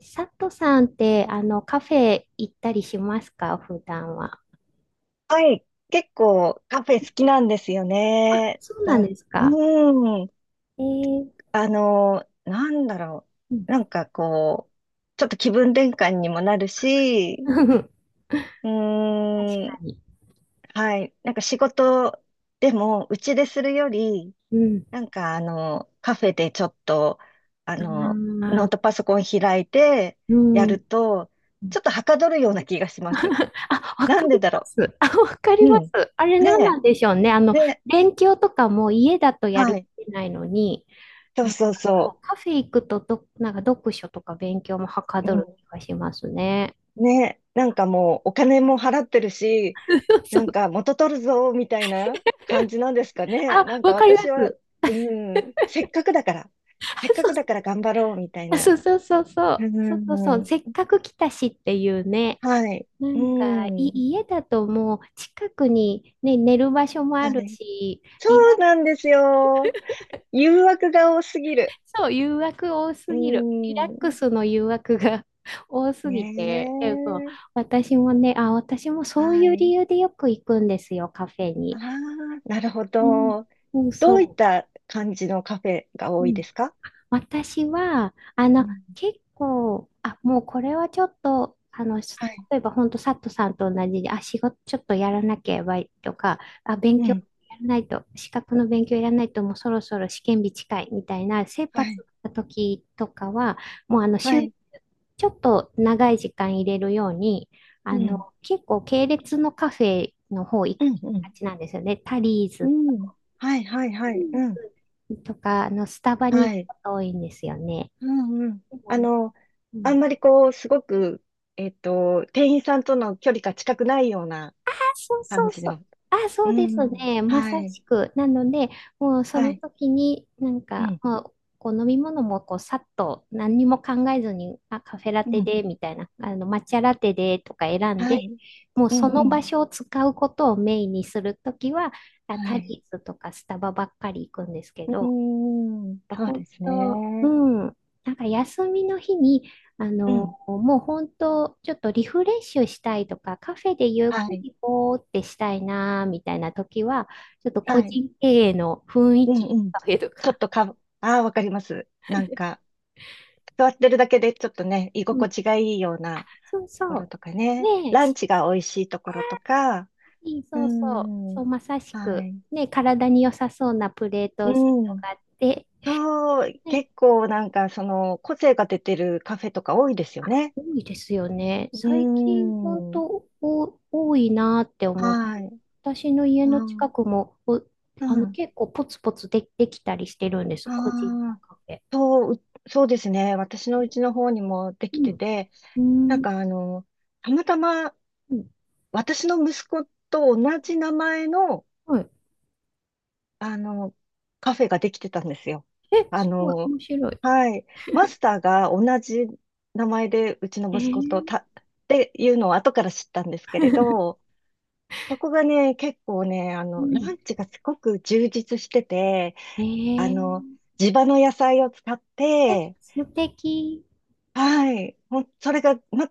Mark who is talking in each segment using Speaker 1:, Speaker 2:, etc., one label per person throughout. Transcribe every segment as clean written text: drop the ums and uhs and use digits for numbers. Speaker 1: 佐藤さんって、カフェ行ったりしますか普段は。
Speaker 2: はい。結構カフェ好きなんですよね。
Speaker 1: そうなんですか。
Speaker 2: うん。
Speaker 1: えー、
Speaker 2: なんだろ
Speaker 1: うん。
Speaker 2: う。なんかこう、ちょっと気分転換にもなる し、
Speaker 1: 確
Speaker 2: う
Speaker 1: か
Speaker 2: ん。
Speaker 1: に。
Speaker 2: はい。なんか仕事でも、うちでするより、
Speaker 1: う
Speaker 2: なんかカフェでちょっと、あの、
Speaker 1: ん。あ
Speaker 2: ノー
Speaker 1: あ、
Speaker 2: トパソコン開いて
Speaker 1: う
Speaker 2: や
Speaker 1: ん。
Speaker 2: ると、ちょっとはかどるような気がします。
Speaker 1: あ、わ
Speaker 2: な
Speaker 1: か
Speaker 2: んで
Speaker 1: り
Speaker 2: だ
Speaker 1: ま
Speaker 2: ろ
Speaker 1: す。あ、わかり
Speaker 2: う。う
Speaker 1: ま
Speaker 2: ん。
Speaker 1: す。あれ何な
Speaker 2: ね
Speaker 1: んでしょうね。
Speaker 2: え。ねえ。
Speaker 1: 勉強とかも家だとや
Speaker 2: は
Speaker 1: る
Speaker 2: い。
Speaker 1: 気ないのに、
Speaker 2: そう
Speaker 1: なんか
Speaker 2: そう
Speaker 1: こ
Speaker 2: そう。
Speaker 1: うカフェ行くとなんか読書とか勉強もはか
Speaker 2: う
Speaker 1: ど
Speaker 2: ん、
Speaker 1: る気がしますね。
Speaker 2: ね、なんかもうお金も払ってるし、
Speaker 1: そ
Speaker 2: なん
Speaker 1: う。
Speaker 2: か元取るぞみたいな感じなんですかね。
Speaker 1: あ、
Speaker 2: なんか
Speaker 1: わかりま
Speaker 2: 私は、
Speaker 1: す。
Speaker 2: うん、せっかくだから、せっ
Speaker 1: あ、
Speaker 2: か
Speaker 1: そ
Speaker 2: くだか
Speaker 1: う
Speaker 2: ら頑張ろうみたい
Speaker 1: あ、そ
Speaker 2: な。
Speaker 1: うそうそうそ
Speaker 2: う
Speaker 1: う。そうそうそう。
Speaker 2: ん、
Speaker 1: せっかく来たしっていうね。
Speaker 2: はい。
Speaker 1: な
Speaker 2: う
Speaker 1: んか、
Speaker 2: ん、
Speaker 1: 家だともう近くにね、寝る場所もあ
Speaker 2: は
Speaker 1: る
Speaker 2: い。
Speaker 1: し、
Speaker 2: そうなんですよ。誘惑が多すぎる。
Speaker 1: そう、誘惑多す
Speaker 2: う
Speaker 1: ぎる。リラック
Speaker 2: ん、
Speaker 1: スの誘惑が 多す
Speaker 2: ね
Speaker 1: ぎて、でも
Speaker 2: え。
Speaker 1: 私もね、私もそう
Speaker 2: は
Speaker 1: いう理
Speaker 2: い。
Speaker 1: 由でよく行くんですよ、カフェ
Speaker 2: あ
Speaker 1: に。
Speaker 2: あ、なるほ
Speaker 1: うん、
Speaker 2: ど。
Speaker 1: そう
Speaker 2: どういっ
Speaker 1: そ
Speaker 2: た感じのカフェが
Speaker 1: う。
Speaker 2: 多
Speaker 1: う
Speaker 2: いで
Speaker 1: ん。
Speaker 2: すか？
Speaker 1: 私は、
Speaker 2: うん、
Speaker 1: 結構、もうこれはちょっと、
Speaker 2: はい。
Speaker 1: 例えば本当、サットさんと同じで、仕事ちょっとやらなければいいとか、勉
Speaker 2: う
Speaker 1: 強や
Speaker 2: ん。
Speaker 1: らないと、資格の勉強やらないと、もうそろそろ試験日近いみたいな、切
Speaker 2: は
Speaker 1: 羽
Speaker 2: い、
Speaker 1: 詰まった時とかは、もう
Speaker 2: はい、
Speaker 1: ちょっと長い時間入れるように、
Speaker 2: うん、
Speaker 1: 結構系列のカフェの方行
Speaker 2: う
Speaker 1: く行
Speaker 2: ん、う
Speaker 1: きが
Speaker 2: ん、
Speaker 1: ちなんですよね。タリー
Speaker 2: う
Speaker 1: ズ
Speaker 2: ん、はい、はい、はい、うん、
Speaker 1: とか、スタバに
Speaker 2: は
Speaker 1: 行く
Speaker 2: い、
Speaker 1: こと多いんですよね。
Speaker 2: うん、うん。
Speaker 1: う
Speaker 2: あんま
Speaker 1: ん、
Speaker 2: りこう、すごく、店員さんとの距離が近くないような
Speaker 1: あ、そう
Speaker 2: 感
Speaker 1: そう
Speaker 2: じ
Speaker 1: そう。
Speaker 2: の。
Speaker 1: あ、そ
Speaker 2: う
Speaker 1: うです
Speaker 2: ん、
Speaker 1: ね。ま
Speaker 2: は
Speaker 1: さ
Speaker 2: い、
Speaker 1: しく。なので、もうそ
Speaker 2: は
Speaker 1: の
Speaker 2: い、
Speaker 1: 時に、なん
Speaker 2: う
Speaker 1: か、
Speaker 2: ん、
Speaker 1: まあ、こう飲み物もこうさっと何にも考えずに、あ、カフェラ
Speaker 2: う
Speaker 1: テ
Speaker 2: ん、
Speaker 1: で、みたいな、抹茶ラテでとか選ん
Speaker 2: は
Speaker 1: で、
Speaker 2: い、
Speaker 1: もう
Speaker 2: う
Speaker 1: その
Speaker 2: ん、うん、
Speaker 1: 場所を使うことをメインにするときは、
Speaker 2: は
Speaker 1: タ
Speaker 2: い。
Speaker 1: リーズとかスタバばっかり行くんですけ
Speaker 2: うー
Speaker 1: ど、
Speaker 2: ん、そう
Speaker 1: 本
Speaker 2: です
Speaker 1: 当、う
Speaker 2: ね。
Speaker 1: ん。なんか休みの日に、
Speaker 2: うん、
Speaker 1: もう本当、ちょっとリフレッシュしたいとか、カフェでゆっく
Speaker 2: はい、
Speaker 1: りぼーってしたいな、みたいな時は、ちょっと個
Speaker 2: はい、
Speaker 1: 人経営の雰囲
Speaker 2: うん、
Speaker 1: 気
Speaker 2: うん。
Speaker 1: カフェと
Speaker 2: ちょ
Speaker 1: か。
Speaker 2: っとか、ああ、わかります。なんか、座ってるだけでちょっとね、居
Speaker 1: う
Speaker 2: 心
Speaker 1: ん。
Speaker 2: 地がいいような。
Speaker 1: そう
Speaker 2: ころ
Speaker 1: そ
Speaker 2: とか
Speaker 1: う。
Speaker 2: ね。
Speaker 1: ねえ、
Speaker 2: ランチが美味しいところとか。う
Speaker 1: そうそう。
Speaker 2: ん。
Speaker 1: そう、まさし
Speaker 2: は
Speaker 1: く。
Speaker 2: い。
Speaker 1: ねえ、体に良さそうなプレートセッ
Speaker 2: う
Speaker 1: ト
Speaker 2: ん。
Speaker 1: があって、
Speaker 2: そう、
Speaker 1: ね、
Speaker 2: 結構なんかその個性が出てるカフェとか多いですよね。
Speaker 1: 多いですよね。最
Speaker 2: う
Speaker 1: 近、本
Speaker 2: ん。
Speaker 1: 当多いなって思って、
Speaker 2: はい。
Speaker 1: 私の家の
Speaker 2: う
Speaker 1: 近
Speaker 2: ん。
Speaker 1: くも、
Speaker 2: うん。
Speaker 1: 結構ポツポツで、できたりしてるんです、個人の
Speaker 2: ああ、
Speaker 1: カフェ。
Speaker 2: そう、う、そうですね。私のうちの方にもで
Speaker 1: う
Speaker 2: きて
Speaker 1: ん。
Speaker 2: て、な
Speaker 1: う
Speaker 2: ん
Speaker 1: ん。
Speaker 2: かたまたま
Speaker 1: うん。
Speaker 2: 私の息子と同じ名前の
Speaker 1: はい。
Speaker 2: あの、カフェができてたんですよ。
Speaker 1: え、
Speaker 2: あ
Speaker 1: すごい、
Speaker 2: の、
Speaker 1: 面白い。
Speaker 2: はい。マスターが同じ名前で、うち
Speaker 1: え
Speaker 2: の息子と
Speaker 1: ー、
Speaker 2: た、っていうのを後から知ったんですけれど、そこがね、結構ね、
Speaker 1: う
Speaker 2: ラ
Speaker 1: ん。
Speaker 2: ンチがすごく充実してて、
Speaker 1: え
Speaker 2: あの、
Speaker 1: ー、
Speaker 2: 地場の野菜を使っ
Speaker 1: え、
Speaker 2: て、
Speaker 1: 素敵。
Speaker 2: はい。それが、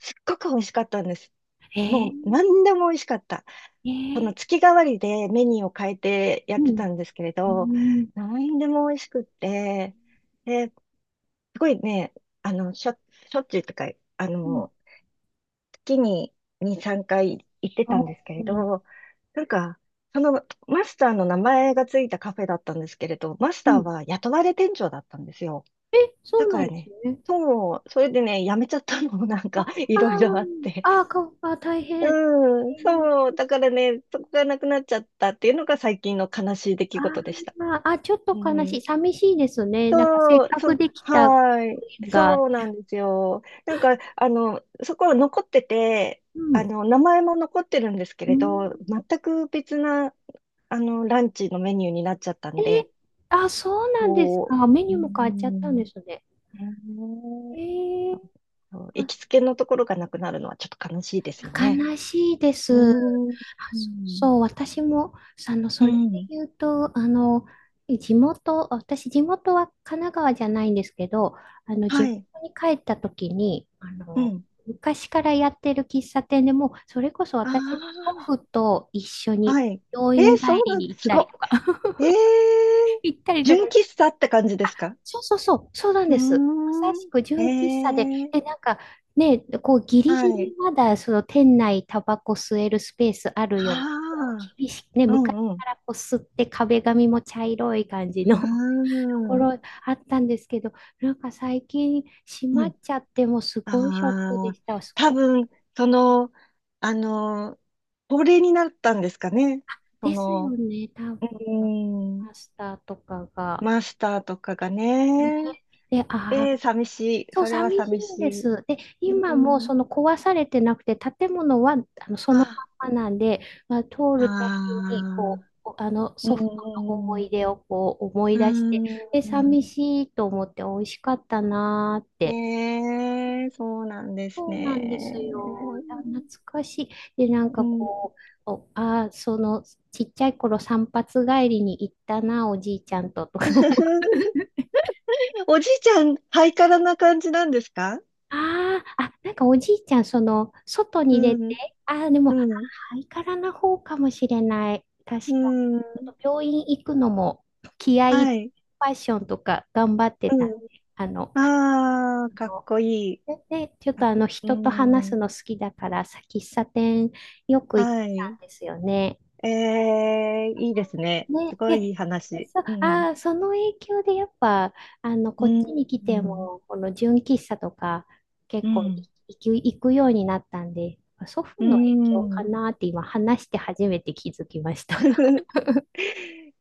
Speaker 2: すっごく美味しかったんです。
Speaker 1: え
Speaker 2: もう
Speaker 1: ー、
Speaker 2: 何でも美味しかった。
Speaker 1: え
Speaker 2: その
Speaker 1: ー、
Speaker 2: 月替わりでメニューを変えてや
Speaker 1: う
Speaker 2: って
Speaker 1: ん。
Speaker 2: たんですけれ
Speaker 1: う
Speaker 2: ど、
Speaker 1: ん。
Speaker 2: 何でも美味しくって、で、すごいね、あの、しょ、しょっちゅうとか、あ
Speaker 1: うん。
Speaker 2: の、月に2、3回行って
Speaker 1: あ
Speaker 2: たんですけれ
Speaker 1: ー、
Speaker 2: ど、なんか、そのマスターの名前がついたカフェだったんですけれど、マス
Speaker 1: う
Speaker 2: ター
Speaker 1: ん。
Speaker 2: は雇われ店長だったんですよ。
Speaker 1: え、そ
Speaker 2: だ
Speaker 1: う
Speaker 2: か
Speaker 1: な
Speaker 2: ら
Speaker 1: んです
Speaker 2: ね、
Speaker 1: ね。
Speaker 2: そう、それでね、辞めちゃったのもなん
Speaker 1: あ、
Speaker 2: かい
Speaker 1: あ
Speaker 2: ろいろあっ
Speaker 1: ー
Speaker 2: て、
Speaker 1: あー、あー、大変。え
Speaker 2: うん、
Speaker 1: ー
Speaker 2: そう、だからね、そこがなくなっちゃったっていうのが最近の悲しい出来
Speaker 1: あ
Speaker 2: 事でした。
Speaker 1: ーあー、ちょっ
Speaker 2: う
Speaker 1: と悲
Speaker 2: ん、
Speaker 1: しい。寂しいですね。なんかせ
Speaker 2: そ
Speaker 1: っ
Speaker 2: う、
Speaker 1: か
Speaker 2: そ
Speaker 1: く
Speaker 2: う、
Speaker 1: できた
Speaker 2: はい、
Speaker 1: 縁が。
Speaker 2: そうなんですよ。なんか、そこは残ってて、
Speaker 1: うん。
Speaker 2: 名前も残ってるんですけ
Speaker 1: う
Speaker 2: れ
Speaker 1: ん、
Speaker 2: ど、全く別な、ランチのメニューになっちゃった
Speaker 1: え
Speaker 2: ん
Speaker 1: ー
Speaker 2: で、
Speaker 1: そうなんです
Speaker 2: こ
Speaker 1: か。メ
Speaker 2: う、
Speaker 1: ニ
Speaker 2: う
Speaker 1: ューも変わっちゃったんで
Speaker 2: ん、
Speaker 1: すね。
Speaker 2: ね
Speaker 1: え
Speaker 2: え、
Speaker 1: ー、
Speaker 2: そう、行
Speaker 1: あ、
Speaker 2: きつけのところがなくなるのはちょっと悲しいですよ
Speaker 1: あ、
Speaker 2: ね。
Speaker 1: 悲しいで
Speaker 2: う
Speaker 1: す。あ、
Speaker 2: ん、う
Speaker 1: そう
Speaker 2: ん、
Speaker 1: そう、私も、そ
Speaker 2: う
Speaker 1: れで
Speaker 2: ん、
Speaker 1: 言うと、私、地元は神奈川じゃないんですけど、地
Speaker 2: は
Speaker 1: 元
Speaker 2: い。
Speaker 1: に帰った時に、
Speaker 2: うん。
Speaker 1: 昔からやってる喫茶店でもう、それこそ私の
Speaker 2: あ
Speaker 1: 祖父と一緒
Speaker 2: あ、
Speaker 1: に
Speaker 2: はい。
Speaker 1: 病院帰
Speaker 2: そう
Speaker 1: り
Speaker 2: なん
Speaker 1: に
Speaker 2: で
Speaker 1: 行
Speaker 2: す。
Speaker 1: っ
Speaker 2: す
Speaker 1: たり
Speaker 2: ご
Speaker 1: とか、
Speaker 2: い。
Speaker 1: 行ったりとか、
Speaker 2: 純喫茶って感じですか？
Speaker 1: そうそうそう、そうなん
Speaker 2: う
Speaker 1: です。まさ
Speaker 2: ー
Speaker 1: し
Speaker 2: ん。
Speaker 1: く
Speaker 2: え
Speaker 1: 純喫茶で、
Speaker 2: ー、
Speaker 1: なんかね、こうギリ
Speaker 2: は
Speaker 1: ギ
Speaker 2: い。
Speaker 1: リまだその店内タバコ吸えるスペースあるような、こう
Speaker 2: あ
Speaker 1: 厳しくね、
Speaker 2: あ、う
Speaker 1: 昔
Speaker 2: んうん。
Speaker 1: からこう吸って壁紙も茶色い感じの と
Speaker 2: う
Speaker 1: こ
Speaker 2: ーん。
Speaker 1: ろあったんですけど、なんか最近閉ま
Speaker 2: う
Speaker 1: っ
Speaker 2: ん。
Speaker 1: ちゃってもうすごいショック
Speaker 2: あ
Speaker 1: で
Speaker 2: あ、
Speaker 1: した。
Speaker 2: 多分、その、あの、高齢になったんですかね。そ
Speaker 1: ですよ
Speaker 2: の、
Speaker 1: ね、多分
Speaker 2: う
Speaker 1: マ
Speaker 2: ーん、
Speaker 1: スターとかが。
Speaker 2: マスターとかがね。
Speaker 1: で、
Speaker 2: えー、寂しい。
Speaker 1: そう、
Speaker 2: それは
Speaker 1: 寂し
Speaker 2: 寂
Speaker 1: いんで
Speaker 2: しい。
Speaker 1: す。で、
Speaker 2: う
Speaker 1: 今も
Speaker 2: ん。
Speaker 1: その壊されてなくて、建物はそのま
Speaker 2: あ
Speaker 1: まなんで、まあ、通
Speaker 2: あ
Speaker 1: るたびにこ
Speaker 2: あ、
Speaker 1: う、こう
Speaker 2: う
Speaker 1: 祖父の思
Speaker 2: ん
Speaker 1: い出をこう思い
Speaker 2: う
Speaker 1: 出して、
Speaker 2: んうん、う
Speaker 1: で、
Speaker 2: ー
Speaker 1: 寂
Speaker 2: ん。
Speaker 1: しいと思って美味しかったなーって。
Speaker 2: ねえ、そうなんです
Speaker 1: そうなんです
Speaker 2: ね。
Speaker 1: よ。いや懐かしい。で、なん
Speaker 2: う
Speaker 1: か
Speaker 2: ん。
Speaker 1: こう、お、あー、そのちっちゃい頃散髪帰りに行ったな、おじいちゃんととか思
Speaker 2: おじいちゃん、ハイカラな感じなんですか？
Speaker 1: ああ、あ、なんかおじいちゃん、外
Speaker 2: う
Speaker 1: に出
Speaker 2: ん、
Speaker 1: て、でも、
Speaker 2: うん、
Speaker 1: ハイカラな方かもしれない。確
Speaker 2: う
Speaker 1: かに。ち
Speaker 2: ん。
Speaker 1: ょっと病院行くのも、気合い入れ
Speaker 2: は
Speaker 1: て、
Speaker 2: い。
Speaker 1: ファッションとか頑張ってたんで。
Speaker 2: うん。
Speaker 1: あの、
Speaker 2: ああ、
Speaker 1: あ
Speaker 2: かっ
Speaker 1: の
Speaker 2: こいい。
Speaker 1: でちょっと、
Speaker 2: か、う
Speaker 1: 人と話す
Speaker 2: ん。
Speaker 1: の好きだから、喫茶店よく行って
Speaker 2: は
Speaker 1: た
Speaker 2: い。
Speaker 1: んですよね。
Speaker 2: ええ、いいですね。す
Speaker 1: ね、
Speaker 2: ごいい
Speaker 1: で、
Speaker 2: い話。
Speaker 1: そ、
Speaker 2: う
Speaker 1: あ
Speaker 2: ん。
Speaker 1: ー、その影響でやっぱ、こ
Speaker 2: う
Speaker 1: っ
Speaker 2: ん。
Speaker 1: ちに来
Speaker 2: う
Speaker 1: て
Speaker 2: ん。
Speaker 1: も、この純喫茶とか、結
Speaker 2: う
Speaker 1: 構い
Speaker 2: ん。
Speaker 1: 行く、行くようになったんで、祖父
Speaker 2: う
Speaker 1: の影響か
Speaker 2: ん。
Speaker 1: なって今話して初めて気づきま した。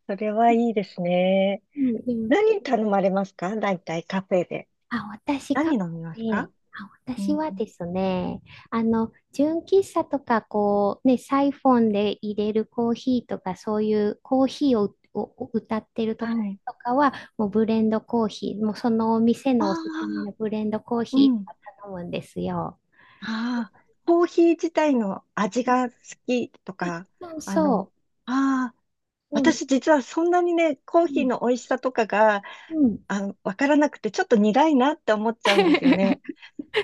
Speaker 2: それはいいですね。
Speaker 1: うん、でも
Speaker 2: 何頼まれますか大体カフェで？
Speaker 1: あ、私、
Speaker 2: 何
Speaker 1: 過去
Speaker 2: 飲みますか？う
Speaker 1: 私は
Speaker 2: ん。
Speaker 1: ですね、純喫茶とか、こう、ね、サイフォンで入れるコーヒーとか、そういうコーヒーを歌ってると
Speaker 2: は
Speaker 1: こ
Speaker 2: い。
Speaker 1: とかは、もうブレンドコーヒー、もうそのお店
Speaker 2: あ
Speaker 1: のおすすめ
Speaker 2: あ、
Speaker 1: のブレンドコー
Speaker 2: う
Speaker 1: ヒー
Speaker 2: ん。
Speaker 1: とか頼むんですよ。
Speaker 2: ああ、コーヒー自体の味が好きとか、
Speaker 1: そう
Speaker 2: あ
Speaker 1: そ
Speaker 2: の、
Speaker 1: う。
Speaker 2: ああ、
Speaker 1: そうん、
Speaker 2: 私実はそんなにね、コーヒーの美味しさとかが、
Speaker 1: うん、
Speaker 2: わからなくて、ちょっと苦いなって思っちゃうんですよね。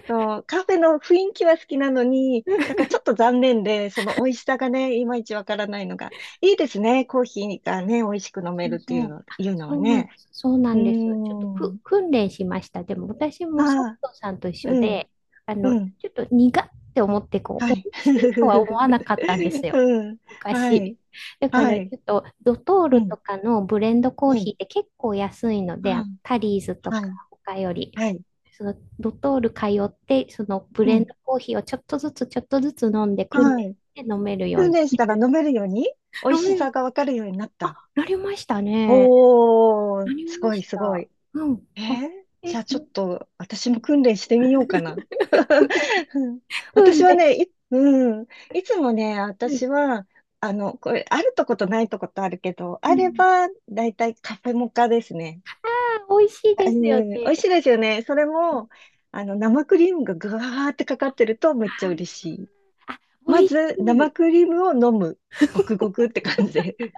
Speaker 2: そう、カフェの雰囲気は好きなのに、だからちょっと残念で、その美味しさがね、いまいちわからないのが、いいですね。コーヒーがね、美味しく飲め
Speaker 1: そ
Speaker 2: る
Speaker 1: う
Speaker 2: ってい
Speaker 1: そ
Speaker 2: う
Speaker 1: う。
Speaker 2: の、
Speaker 1: あ、
Speaker 2: いうのはね。
Speaker 1: そうな
Speaker 2: うー
Speaker 1: んです。ちょっと
Speaker 2: ん。
Speaker 1: 訓練しました。でも私
Speaker 2: あ
Speaker 1: もソフ
Speaker 2: あ、
Speaker 1: トさんと一緒
Speaker 2: うん、
Speaker 1: で、
Speaker 2: うん。
Speaker 1: ちょっと苦って思って、こ
Speaker 2: は
Speaker 1: う、美
Speaker 2: い。
Speaker 1: 味しいとは思わなかったんです よ。
Speaker 2: うん。は
Speaker 1: 昔。
Speaker 2: い。
Speaker 1: だか
Speaker 2: は
Speaker 1: ら、ち
Speaker 2: い。
Speaker 1: ょっと、ドトー
Speaker 2: う
Speaker 1: ルと
Speaker 2: ん。
Speaker 1: かのブレンドコー
Speaker 2: う
Speaker 1: ヒ
Speaker 2: ん。
Speaker 1: ーって結構安いので、
Speaker 2: はい。
Speaker 1: タリーズと
Speaker 2: は
Speaker 1: か
Speaker 2: い。
Speaker 1: 他より、
Speaker 2: はい。
Speaker 1: そのドトール通って、そのブ
Speaker 2: う
Speaker 1: レン
Speaker 2: ん。
Speaker 1: ドコーヒーをちょっとずつちょっとずつ飲んで訓練
Speaker 2: は
Speaker 1: し
Speaker 2: い。
Speaker 1: て飲めるよ
Speaker 2: 訓
Speaker 1: う
Speaker 2: 練し
Speaker 1: に。
Speaker 2: たら飲めるように、美味
Speaker 1: 飲
Speaker 2: し
Speaker 1: める。
Speaker 2: さがわかるようになっ
Speaker 1: あ、
Speaker 2: た。
Speaker 1: なりましたね。
Speaker 2: お
Speaker 1: な
Speaker 2: ー、
Speaker 1: り
Speaker 2: す
Speaker 1: ま
Speaker 2: ごい、
Speaker 1: し
Speaker 2: すご
Speaker 1: た。
Speaker 2: い。
Speaker 1: うん。
Speaker 2: え
Speaker 1: あ、
Speaker 2: ー
Speaker 1: え、
Speaker 2: じゃ あ
Speaker 1: う
Speaker 2: ちょっ
Speaker 1: ん。
Speaker 2: と私
Speaker 1: う
Speaker 2: も
Speaker 1: ん。
Speaker 2: 訓練してみようかな。
Speaker 1: く、
Speaker 2: うん、
Speaker 1: く
Speaker 2: 私
Speaker 1: ん
Speaker 2: は
Speaker 1: で。
Speaker 2: ね、うん、いつもね、
Speaker 1: うん。
Speaker 2: 私は、これ、あるとことないとことあるけど、
Speaker 1: う
Speaker 2: あれ
Speaker 1: ん。
Speaker 2: ば、だいたいカフェモカですね。
Speaker 1: あ、美味しい
Speaker 2: う
Speaker 1: ですよ
Speaker 2: ん、美味し
Speaker 1: ね。
Speaker 2: いですよね。それも、生クリームがぐわーってかかってるとめっちゃ嬉しい。
Speaker 1: あ、あ、
Speaker 2: ま
Speaker 1: 美味
Speaker 2: ず、
Speaker 1: し
Speaker 2: 生
Speaker 1: い。
Speaker 2: クリームを飲む。ごくごくって感じで。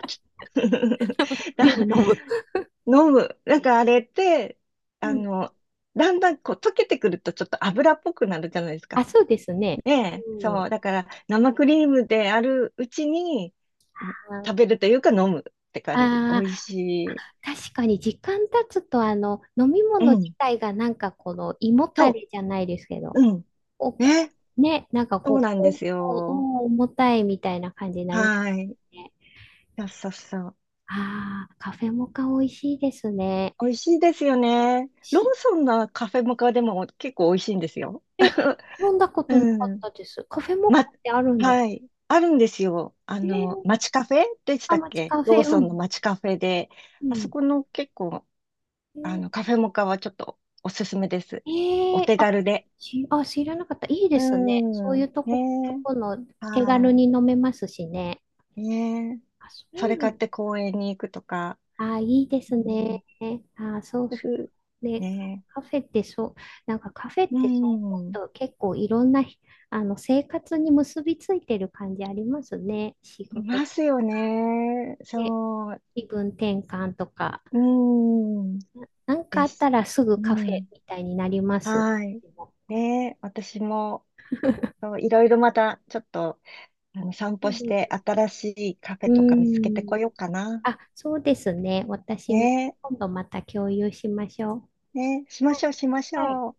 Speaker 1: ク
Speaker 2: だ
Speaker 1: リーム飲む。
Speaker 2: 飲む。なんかあれって、
Speaker 1: う
Speaker 2: あ
Speaker 1: ん。
Speaker 2: の、だんだんこう溶けてくるとちょっと油っぽくなるじゃないです
Speaker 1: あ、
Speaker 2: か。
Speaker 1: そうですね。
Speaker 2: ねえ。
Speaker 1: うん。あ
Speaker 2: そう。だから生クリームであるうちに食べ
Speaker 1: ー
Speaker 2: るというか飲むって感じ。美
Speaker 1: あ
Speaker 2: 味
Speaker 1: ー、
Speaker 2: しい。
Speaker 1: 確かに時間経つと、飲み
Speaker 2: う
Speaker 1: 物自
Speaker 2: ん。
Speaker 1: 体がなんかこの胃もた
Speaker 2: と、
Speaker 1: れじゃないですけど、
Speaker 2: うん。
Speaker 1: こう、こ
Speaker 2: ね。
Speaker 1: なんか
Speaker 2: そう
Speaker 1: こ
Speaker 2: なん
Speaker 1: う、
Speaker 2: で
Speaker 1: お
Speaker 2: すよ。
Speaker 1: おお重たいみたいな感じになります
Speaker 2: はい。
Speaker 1: ね。
Speaker 2: そうそうそう。
Speaker 1: ああ、カフェモカ美味しいですね。
Speaker 2: 美味しいですよね。ローソンのカフェモカでも結構美味しいんですよ。
Speaker 1: え、飲んだことなかっ
Speaker 2: うん。
Speaker 1: たです。カフェモカ
Speaker 2: ま、
Speaker 1: ってあるんです。
Speaker 2: はい。あるんですよ。
Speaker 1: えー、
Speaker 2: 街カフェでし
Speaker 1: あ、
Speaker 2: たっ
Speaker 1: 街
Speaker 2: け、
Speaker 1: カフ
Speaker 2: ロー
Speaker 1: ェ、う
Speaker 2: ソンの
Speaker 1: ん。
Speaker 2: 街カフェで。
Speaker 1: う
Speaker 2: あそこの結構、
Speaker 1: ん。
Speaker 2: カフェモカはちょっとおすすめです。
Speaker 1: えー、
Speaker 2: お手軽で。
Speaker 1: あ、知らなかった。いいで
Speaker 2: うー
Speaker 1: すね。そういう
Speaker 2: ん。
Speaker 1: と
Speaker 2: ね
Speaker 1: この
Speaker 2: え。
Speaker 1: 手軽
Speaker 2: は
Speaker 1: に飲めますしね。
Speaker 2: い。ねえ。
Speaker 1: あ、そう
Speaker 2: それ
Speaker 1: な
Speaker 2: 買っ
Speaker 1: んだ。
Speaker 2: て公園に行くとか。
Speaker 1: あ、いいです
Speaker 2: うん、
Speaker 1: ね。あ、そう
Speaker 2: ふ
Speaker 1: そう。
Speaker 2: ふ、
Speaker 1: で、
Speaker 2: ね
Speaker 1: カフェってそう、なんかカフェ
Speaker 2: え。
Speaker 1: っ
Speaker 2: う
Speaker 1: てそう思う
Speaker 2: ん。
Speaker 1: と結構いろんなひ、生活に結びついてる感じありますね。仕
Speaker 2: い
Speaker 1: 事
Speaker 2: ま
Speaker 1: っ
Speaker 2: すよね。
Speaker 1: て、
Speaker 2: そう。
Speaker 1: 気分転換とか。
Speaker 2: うん。
Speaker 1: なんか
Speaker 2: で
Speaker 1: あった
Speaker 2: す。
Speaker 1: らすぐ
Speaker 2: う
Speaker 1: カフェ
Speaker 2: ん。
Speaker 1: みたいになります。
Speaker 2: はい。
Speaker 1: でも
Speaker 2: ねえ。私も。そう、いろいろまたちょっと散
Speaker 1: そ
Speaker 2: 歩
Speaker 1: う
Speaker 2: し
Speaker 1: で
Speaker 2: て
Speaker 1: す。
Speaker 2: 新しいカフ
Speaker 1: う
Speaker 2: ェ
Speaker 1: ー
Speaker 2: とか見つけて
Speaker 1: ん。
Speaker 2: こようかな。
Speaker 1: あ、そうですね。私も
Speaker 2: ね
Speaker 1: 今度また共有しましょう。
Speaker 2: え、ねえ、しま
Speaker 1: は
Speaker 2: し
Speaker 1: い。
Speaker 2: ょうしまし
Speaker 1: はい
Speaker 2: ょう。